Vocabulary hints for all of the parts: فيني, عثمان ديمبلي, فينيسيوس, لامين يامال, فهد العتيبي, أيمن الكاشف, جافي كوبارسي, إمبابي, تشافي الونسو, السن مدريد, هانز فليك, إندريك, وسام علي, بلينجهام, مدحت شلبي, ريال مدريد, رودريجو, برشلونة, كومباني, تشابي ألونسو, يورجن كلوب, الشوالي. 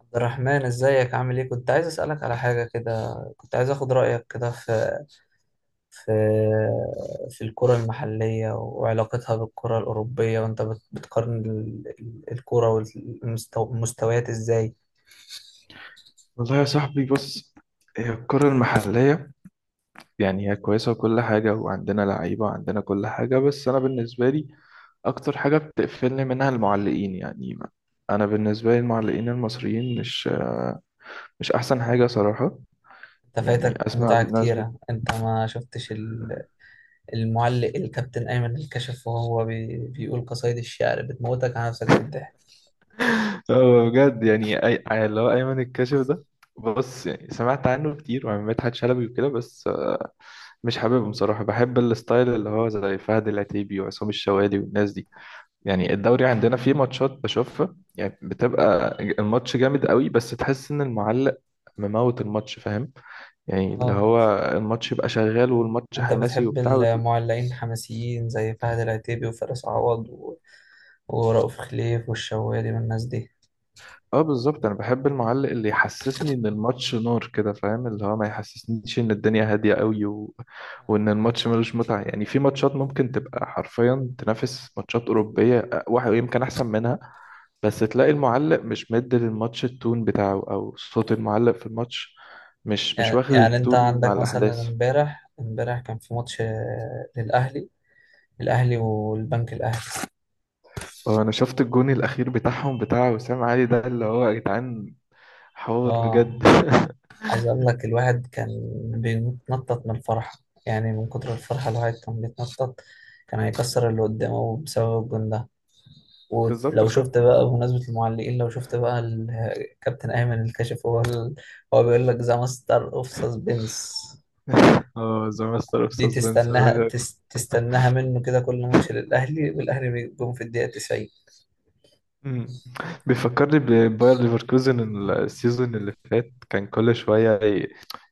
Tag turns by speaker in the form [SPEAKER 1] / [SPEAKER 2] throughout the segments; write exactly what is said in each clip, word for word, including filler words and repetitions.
[SPEAKER 1] عبد الرحمن، ازيك، عامل ايه؟ كنت عايز اسالك على حاجه كده، كنت عايز اخد رايك كده في في في الكره المحليه وعلاقتها بالكره الاوروبيه، وانت بت- بتقارن ال- ال- الكره والمستويات ازاي؟
[SPEAKER 2] والله يا صاحبي، بص. هي الكرة المحلية يعني هي كويسة وكل حاجة، وعندنا لعيبة وعندنا كل حاجة، بس أنا بالنسبة لي أكتر حاجة بتقفلني منها المعلقين. يعني ما- أنا بالنسبة لي المعلقين المصريين مش مش أحسن حاجة صراحة.
[SPEAKER 1] انت
[SPEAKER 2] يعني
[SPEAKER 1] فايتك
[SPEAKER 2] أسمع
[SPEAKER 1] متعه
[SPEAKER 2] ناس بت...
[SPEAKER 1] كتيره. انت ما شفتش ال- المعلق الكابتن ايمن الكشف وهو بي بيقول قصايد الشعر بتموتك على نفسك بالضحك؟
[SPEAKER 2] آه، بجد. يعني أي... أي- اللي هو أيمن الكاشف ده، بص، يعني سمعت عنه كتير وعن مدحت شلبي وكده، بس مش حاببهم صراحة. بحب الستايل اللي هو زي فهد العتيبي وعصام الشوالي والناس دي. يعني الدوري عندنا فيه ماتشات بشوفها، يعني بتبقى الماتش جامد قوي، بس تحس ان المعلق مموت الماتش، فاهم؟ يعني اللي
[SPEAKER 1] اه.
[SPEAKER 2] هو الماتش يبقى شغال والماتش
[SPEAKER 1] انت
[SPEAKER 2] حماسي
[SPEAKER 1] بتحب
[SPEAKER 2] وبتاع وت...
[SPEAKER 1] المعلقين الحماسيين زي فهد العتيبي وفارس عوض ورؤوف خليف والشوالي والناس دي؟
[SPEAKER 2] اه، بالظبط، انا بحب المعلق اللي يحسسني ان الماتش نار كده، فاهم؟ اللي هو ما يحسسنيش ان الدنيا هادية قوي و... وان
[SPEAKER 1] آه.
[SPEAKER 2] الماتش ملوش متعة. يعني في ماتشات ممكن تبقى حرفيا تنافس ماتشات أوروبية، واحد يمكن احسن منها، بس تلاقي المعلق مش مد للماتش التون بتاعه، او صوت المعلق في الماتش مش مش
[SPEAKER 1] يعني
[SPEAKER 2] واخد
[SPEAKER 1] يعني انت
[SPEAKER 2] التون مع
[SPEAKER 1] عندك مثلا
[SPEAKER 2] الاحداث.
[SPEAKER 1] امبارح امبارح كان في ماتش آه، للاهلي الاهلي والبنك الاهلي.
[SPEAKER 2] هو انا شفت الجون الاخير بتاعهم، بتاع وسام علي ده، اللي هو يا جدعان، حوار
[SPEAKER 1] اه،
[SPEAKER 2] بجد.
[SPEAKER 1] عايز اقول لك، الواحد كان بيتنطط من الفرحه، يعني من كتر الفرحه الواحد كان بيتنطط، كان هيكسر اللي قدامه بسبب الجون ده.
[SPEAKER 2] بالظبط،
[SPEAKER 1] ولو
[SPEAKER 2] انا كنت.
[SPEAKER 1] شفت بقى بمناسبه المعلقين، لو شفت بقى الكابتن ايمن الكاشف، هو ال... هو بيقول لك ذا ماستر اوف سسبنس.
[SPEAKER 2] اه، زي ماستر في
[SPEAKER 1] دي
[SPEAKER 2] سسبنس.
[SPEAKER 1] تستناها، تس تستناها منه كده، كل ماتش للأهلي والأهلي بيجيبهم في الدقيقة تسعين.
[SPEAKER 2] مم. بيفكرني بباير ليفركوزن السيزون اللي فات، كان كل شوية ي-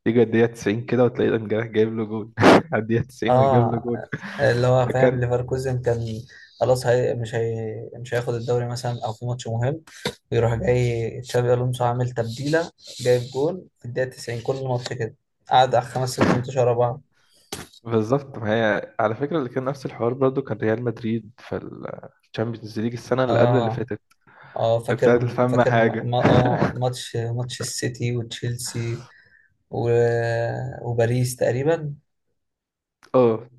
[SPEAKER 2] يجي الدقيقة تسعين كده وتلاقي الجناح جايب له جول على الدقيقة تسعين ويجيب له
[SPEAKER 1] اه.
[SPEAKER 2] جول.
[SPEAKER 1] اللي هو، فاهم،
[SPEAKER 2] فكان
[SPEAKER 1] ليفركوزن كان خلاص، هي مش هي مش هياخد الدوري مثلا، او في ماتش مهم، يروح جاي تشابي الونسو عامل تبديله، جايب جون في الدقيقه تسعين كل ماتش كده، قعد على خمس ست ماتشات ورا بعض.
[SPEAKER 2] بالظبط. ما هي على فكرة، اللي كان نفس الحوار برضو كان ريال مدريد في الشامبيونز ليج السنة اللي قبل اللي
[SPEAKER 1] اه
[SPEAKER 2] فاتت.
[SPEAKER 1] اه.
[SPEAKER 2] ابتدت
[SPEAKER 1] فاكر
[SPEAKER 2] الفم
[SPEAKER 1] فاكر، م-
[SPEAKER 2] حاجة.
[SPEAKER 1] ما اه ماتش ماتش السيتي وتشيلسي، و... وباريس تقريبا.
[SPEAKER 2] اه،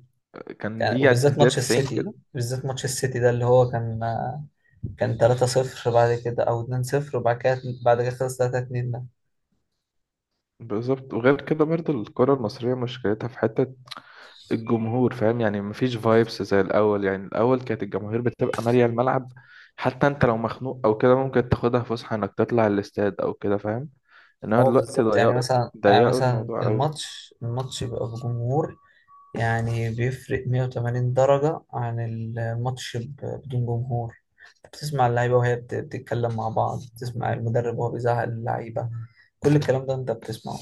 [SPEAKER 2] كان
[SPEAKER 1] يعني،
[SPEAKER 2] يجي عند
[SPEAKER 1] وبالذات
[SPEAKER 2] الدقيقة
[SPEAKER 1] ماتش
[SPEAKER 2] تسعين كده.
[SPEAKER 1] السيتي، بالذات ماتش السيتي ده اللي هو كان، كان تلاتة صفر بعد كده، او اثنين صفر، وبعد كده بعد كده خلص تلاتة اتنين ده.
[SPEAKER 2] بالظبط، وغير كده برضو الكرة المصرية مشكلتها في حتة الجمهور، فاهم؟ يعني مفيش فايبس زي الأول، يعني الأول كانت الجماهير بتبقى مالية الملعب، حتى أنت لو مخنوق أو كده ممكن تاخدها فسحة إنك تطلع الاستاد أو كده، فاهم؟ انما
[SPEAKER 1] هو
[SPEAKER 2] دلوقتي
[SPEAKER 1] بالظبط، يعني
[SPEAKER 2] ضيقوا،
[SPEAKER 1] مثلا يعني
[SPEAKER 2] ضيقوا
[SPEAKER 1] مثلا
[SPEAKER 2] الموضوع قوي.
[SPEAKER 1] الماتش الماتش بيبقى بجمهور، يعني بيفرق مية وتمانين درجة عن الماتش ب- بدون جمهور، بتسمع اللعيبة وهي بت- بتتكلم مع بعض، بتسمع المدرب وهو بيزعق اللعيبة، كل الكلام ده انت بتسمعه.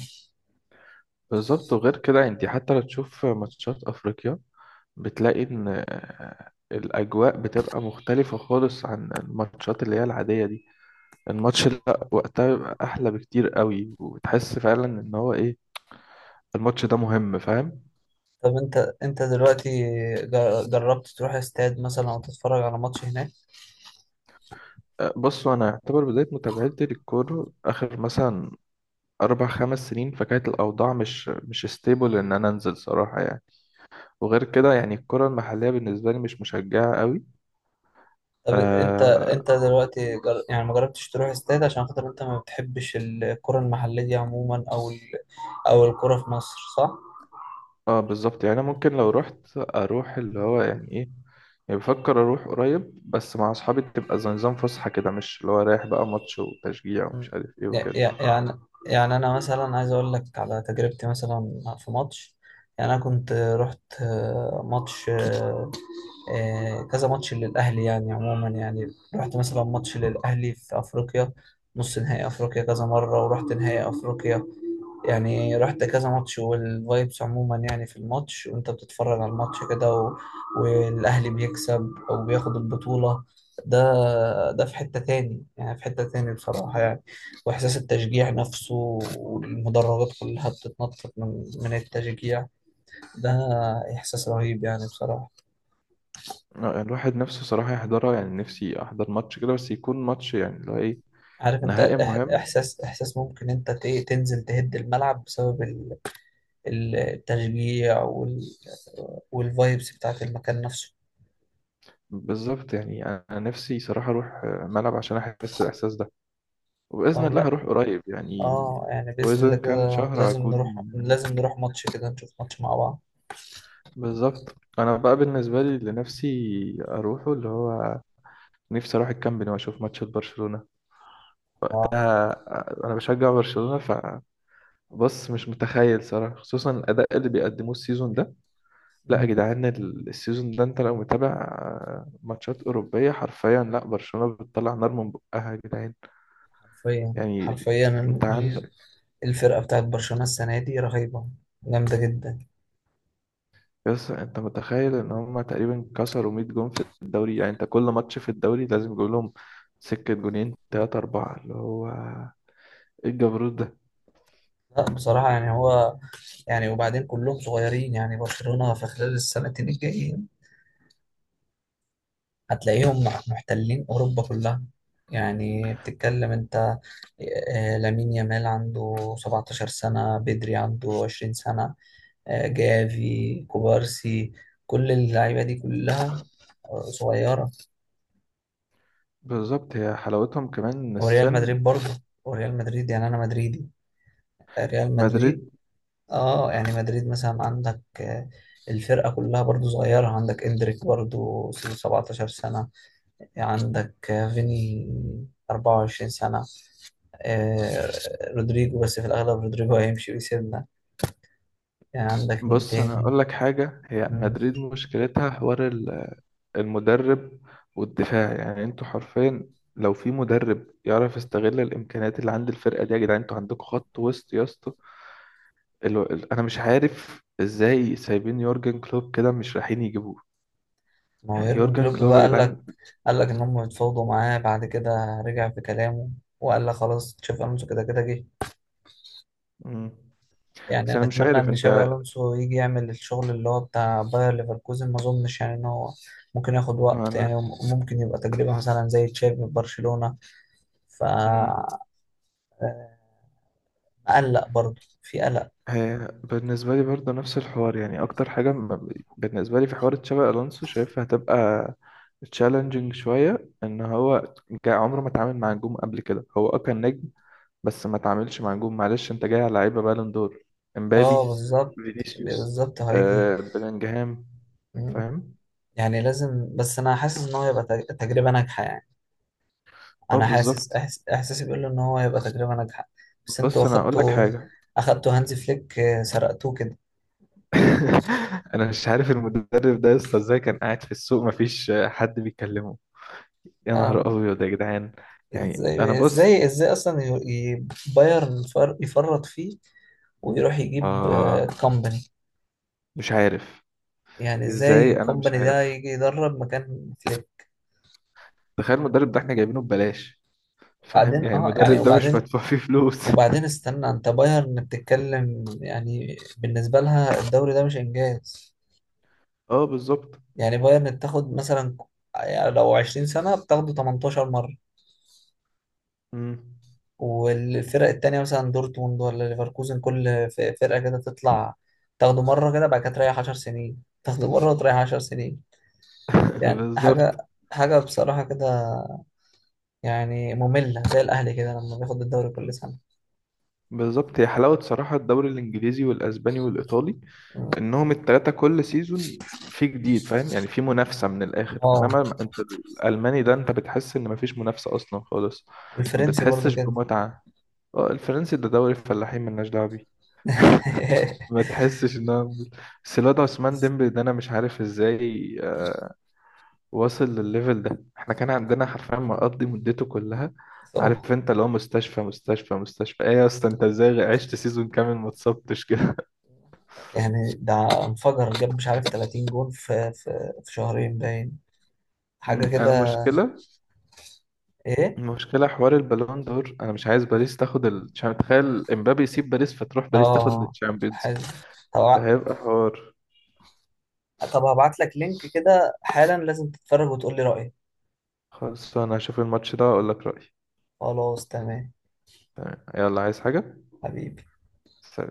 [SPEAKER 2] بالظبط، وغير كده انت حتى لو تشوف ماتشات افريقيا، بتلاقي ان آه، الاجواء بتبقى مختلفة خالص عن الماتشات اللي هي العادية دي. الماتش لا، وقتها بيبقى احلى بكتير قوي، وبتحس فعلا ان هو ايه، الماتش ده مهم، فاهم؟
[SPEAKER 1] طب، انت انت دلوقتي، جر- جربت تروح استاد مثلا، او تتفرج على ماتش هناك؟
[SPEAKER 2] آه، بصوا، انا اعتبر بداية متابعتي للكورة اخر مثلا اربع خمس سنين، فكانت الاوضاع مش مش ستيبل ان انا انزل صراحة. يعني وغير كده، يعني الكرة المحلية بالنسبة لي مش مشجعة قوي.
[SPEAKER 1] طب، انت
[SPEAKER 2] آه.
[SPEAKER 1] انت دلوقتي، جر... يعني ما جربتش تروح استاد عشان خاطر انت ما بتحبش الكرة المحلية دي عموما، او ال... او الكرة في مصر، صح؟
[SPEAKER 2] اه بالظبط، يعني أنا ممكن لو رحت اروح اللي هو يعني ايه، يعني بفكر اروح قريب، بس مع اصحابي، تبقى زي نظام فسحه كده، مش اللي هو رايح بقى ماتش وتشجيع
[SPEAKER 1] مم.
[SPEAKER 2] ومش عارف ايه
[SPEAKER 1] يع-
[SPEAKER 2] وكده.
[SPEAKER 1] يع- يعني يعني انا مثلا، عايز اقول لك على تجربتي مثلا في ماتش. يعني انا كنت رحت آه، ماتش آه، آه، كذا ماتش للاهلي، يعني عموما يعني، رحت مثلا ماتش للاهلي في افريقيا، نص نهائي افريقيا كذا مرة، ورحت نهائي افريقيا، يعني رحت كذا ماتش، والفايبس عموما يعني في الماتش وانت بتتفرج على الماتش كده و... والاهلي بيكسب او بياخد البطولة ده ده في حتة تاني، يعني في حتة تاني بصراحة، يعني واحساس التشجيع نفسه، والمدرجات كلها بتتنطط من من التشجيع ده، احساس رهيب يعني بصراحة.
[SPEAKER 2] آه، يعني الواحد نفسه صراحه يحضرها، يعني نفسي احضر ماتش كده، بس يكون ماتش يعني اللي هو ايه،
[SPEAKER 1] عارف انت،
[SPEAKER 2] نهائي
[SPEAKER 1] الإح-
[SPEAKER 2] مهم.
[SPEAKER 1] احساس احساس ممكن انت ت- تنزل تهد الملعب بسبب ال- ال- التشجيع وال... والفايبس بتاعت المكان نفسه،
[SPEAKER 2] بالظبط، يعني انا نفسي صراحه اروح آه، ملعب عشان احس الاحساس ده، وباذن
[SPEAKER 1] او
[SPEAKER 2] الله
[SPEAKER 1] لا.
[SPEAKER 2] هروح قريب يعني.
[SPEAKER 1] اه، يعني بإذن الله
[SPEAKER 2] واذا كان
[SPEAKER 1] كده،
[SPEAKER 2] شهر
[SPEAKER 1] لازم
[SPEAKER 2] هكون
[SPEAKER 1] نروح، لازم
[SPEAKER 2] هناك.
[SPEAKER 1] نروح ماتش كده، نشوف ماتش مع بعض.
[SPEAKER 2] بالظبط، انا بقى بالنسبه لي اللي نفسي اروحه، اللي هو نفسي اروح الكامب نو واشوف ماتش برشلونة.
[SPEAKER 1] اه.
[SPEAKER 2] وقتها آه، انا بشجع برشلونة. فبص، مش متخيل صراحة، خصوصا الاداء اللي بيقدموه السيزون ده. لا يا
[SPEAKER 1] مم.
[SPEAKER 2] جدعان، ال- السيزون ده انت لو متابع آه، ماتشات اوروبية حرفيا، لا برشلونة بتطلع نار من بقها يا جدعان.
[SPEAKER 1] حرفيا
[SPEAKER 2] يعني
[SPEAKER 1] حرفيا،
[SPEAKER 2] انت
[SPEAKER 1] ال-
[SPEAKER 2] عندك.
[SPEAKER 1] الفرقة بتاعت برشلونة السنة دي رهيبة، جامدة جدا.
[SPEAKER 2] يس، انت متخيل ان هم تقريبا كسروا مية جون في الدوري؟ يعني انت كل ماتش في الدوري لازم يجيب لهم سكة جونين تلاتة أربعة، اللي هو إيه الجبروت ده؟
[SPEAKER 1] لا بصراحة يعني هو، يعني وبعدين كلهم صغيرين، يعني برشلونة في خلال السنتين الجايين هتلاقيهم محتلين أوروبا كلها. يعني بتتكلم انت، آه، لامين يامال عنده سبعتاشر سنة، بدري عنده عشرين سنة، آه، جافي كوبارسي، كل اللعيبة دي كلها آه، صغيرة.
[SPEAKER 2] بالظبط، هي حلاوتهم كمان إن
[SPEAKER 1] وريال
[SPEAKER 2] السن.
[SPEAKER 1] مدريد برضه، وريال مدريد، يعني أنا مدريدي، ريال مدريد.
[SPEAKER 2] مدريد،
[SPEAKER 1] اه، يعني مدريد مثلا، عندك آه، الفرقة كلها برضه صغيرة، عندك إندريك برضه سبعة عشر سنة، عندك آه، فيني اربعة وعشرين سنة، آه، رودريجو، بس في الأغلب رودريجو هيمشي ويسيبنا، يعني عندك مين
[SPEAKER 2] بص انا
[SPEAKER 1] تاني؟
[SPEAKER 2] اقول لك حاجه، هي مدريد مشكلتها حوار ال- المدرب والدفاع. يعني انتوا حرفيا لو في مدرب يعرف يستغل الامكانيات اللي عند الفرقه دي، يا جدعان انتوا عندكم خط وسط يا اسطى. الو- ال- انا مش عارف ازاي سايبين يورجن كلوب كده، مش رايحين يجيبوه.
[SPEAKER 1] ما هو
[SPEAKER 2] يعني
[SPEAKER 1] يورجن
[SPEAKER 2] يورجن
[SPEAKER 1] كلوب
[SPEAKER 2] كلوب
[SPEAKER 1] بقى،
[SPEAKER 2] يا
[SPEAKER 1] قال لك
[SPEAKER 2] جدعان.
[SPEAKER 1] قال لك ان هم اتفاوضوا معاه، بعد كده رجع في كلامه وقال لك خلاص تشافي الونسو كده كده جه.
[SPEAKER 2] مم.
[SPEAKER 1] يعني
[SPEAKER 2] بس انا
[SPEAKER 1] انا
[SPEAKER 2] مش
[SPEAKER 1] اتمنى
[SPEAKER 2] عارف
[SPEAKER 1] ان تشافي
[SPEAKER 2] انت.
[SPEAKER 1] الونسو يجي يعمل الشغل اللي هو بتاع باير ليفركوزن، ما اظنش يعني ان هو، ممكن ياخد
[SPEAKER 2] ما
[SPEAKER 1] وقت
[SPEAKER 2] انا.
[SPEAKER 1] يعني، ممكن يبقى تجربة مثلا زي تشافي في برشلونة،
[SPEAKER 2] مم.
[SPEAKER 1] فقلق، برضه في قلق.
[SPEAKER 2] هي بالنسبة لي برضه نفس الحوار، يعني أكتر حاجة م- بالنسبة لي في حوار تشابي ألونسو، شايفها هتبقى تشالنجينج شوية، إن هو جا عمره ما اتعامل مع نجوم قبل كده. هو أه كان نجم، بس ما اتعاملش مع نجوم. معلش، أنت جاي على لعيبة بالون دور،
[SPEAKER 1] اه،
[SPEAKER 2] إمبابي،
[SPEAKER 1] بالظبط،
[SPEAKER 2] فينيسيوس،
[SPEAKER 1] بالظبط هيجي.
[SPEAKER 2] آه بلينجهام،
[SPEAKER 1] مم.
[SPEAKER 2] فاهم؟
[SPEAKER 1] يعني لازم، بس انا حاسس ان هو يبقى تج- تجربة ناجحة، يعني
[SPEAKER 2] أه
[SPEAKER 1] انا حاسس،
[SPEAKER 2] بالظبط.
[SPEAKER 1] أحس... احساسي بيقول له ان هو هيبقى تجربه ناجحه. بس انتوا
[SPEAKER 2] بص أنا هقول لك
[SPEAKER 1] اخدتوا،
[SPEAKER 2] حاجة.
[SPEAKER 1] اخدتوا هانز فليك، آه، سرقتوه كده.
[SPEAKER 2] أنا مش عارف المدرب ده لسه إزاي كان قاعد في السوق مفيش حد بيكلمه. يا
[SPEAKER 1] آه،
[SPEAKER 2] نهار ابيض يا جدعان. يعني انا
[SPEAKER 1] ازاي
[SPEAKER 2] بص،
[SPEAKER 1] ازاي ازاي اصلا، ي... ي... بايرن يفر... يفرط فيه، ويروح يجيب آه،
[SPEAKER 2] آه
[SPEAKER 1] كومباني،
[SPEAKER 2] مش عارف
[SPEAKER 1] يعني ازاي
[SPEAKER 2] ازاي، انا مش
[SPEAKER 1] كومباني ده
[SPEAKER 2] عارف.
[SPEAKER 1] يجي يدرب مكان فليك؟
[SPEAKER 2] تخيل المدرب ده احنا جايبينه ببلاش. فاهم؟
[SPEAKER 1] وبعدين،
[SPEAKER 2] يعني
[SPEAKER 1] اه يعني،
[SPEAKER 2] المدرب ده مش
[SPEAKER 1] وبعدين
[SPEAKER 2] مدفوع فيه فلوس.
[SPEAKER 1] وبعدين استنى، انت بايرن بتتكلم، يعني بالنسبه لها الدوري ده مش انجاز،
[SPEAKER 2] اه بالظبط.
[SPEAKER 1] يعني بايرن بتاخد مثلا، يعني لو عشرين سنه بتاخده تمنتاشر.
[SPEAKER 2] مم.
[SPEAKER 1] والفرق التانية مثلا دورتموند ولا ليفركوزن، كل ف- فرقة كده تطلع تاخده مرة كده، بعد كده تريح عشر سنين، تاخده مرة وتريح عشر سنين. يعني حاجة،
[SPEAKER 2] بالظبط.
[SPEAKER 1] حاجة بصراحة كده، يعني مملة زي الأهلي كده لما بياخد الدوري كل سنة.
[SPEAKER 2] بالظبط، هي حلاوة صراحة الدوري الإنجليزي والأسباني والإيطالي، انهم التلاتة كل سيزون في جديد، فاهم؟ يعني في منافسة من الاخر،
[SPEAKER 1] اه،
[SPEAKER 2] انما انت الالماني ده انت بتحس ان مفيش منافسة اصلا خالص. ما
[SPEAKER 1] والفرنسي برضو
[SPEAKER 2] بتحسش
[SPEAKER 1] كده.
[SPEAKER 2] بمتعة. اه، الفرنسي ده دوري الفلاحين، ملناش دعوة بيه. ما تحسش ان هو، بس الواد عثمان ديمبلي ده انا مش عارف ازاي آه، واصل للليفل ده. احنا كان عندنا حرفيا مقضي مدته كلها.
[SPEAKER 1] صعب،
[SPEAKER 2] عارف انت اللي هو مستشفى مستشفى مستشفى. ايه يا اسطى، انت ازاي عشت سيزون كامل ما اتصبتش كده؟
[SPEAKER 1] يعني ده انفجر جاب مش عارف تلاتين جون في في, في شهرين باين، حاجة
[SPEAKER 2] أمم،
[SPEAKER 1] كده،
[SPEAKER 2] المشكلة،
[SPEAKER 1] ايه.
[SPEAKER 2] المشكلة حوار البالون دور. أنا مش عايز باريس تاخد ال... تشام- تخيل إمبابي يسيب باريس فتروح باريس تاخد
[SPEAKER 1] اه،
[SPEAKER 2] التشامبيونز.
[SPEAKER 1] حلو. طب
[SPEAKER 2] ده
[SPEAKER 1] ع-
[SPEAKER 2] هيبقى حوار.
[SPEAKER 1] طب هبعت لك لينك كده حالا، لازم تتفرج وتقول لي رأيك.
[SPEAKER 2] خلاص، أنا هشوف الماتش ده وأقول لك رأيي.
[SPEAKER 1] خلاص، تمام،
[SPEAKER 2] تمام، يلا عايز حاجة؟
[SPEAKER 1] حبيبي.
[SPEAKER 2] سلام.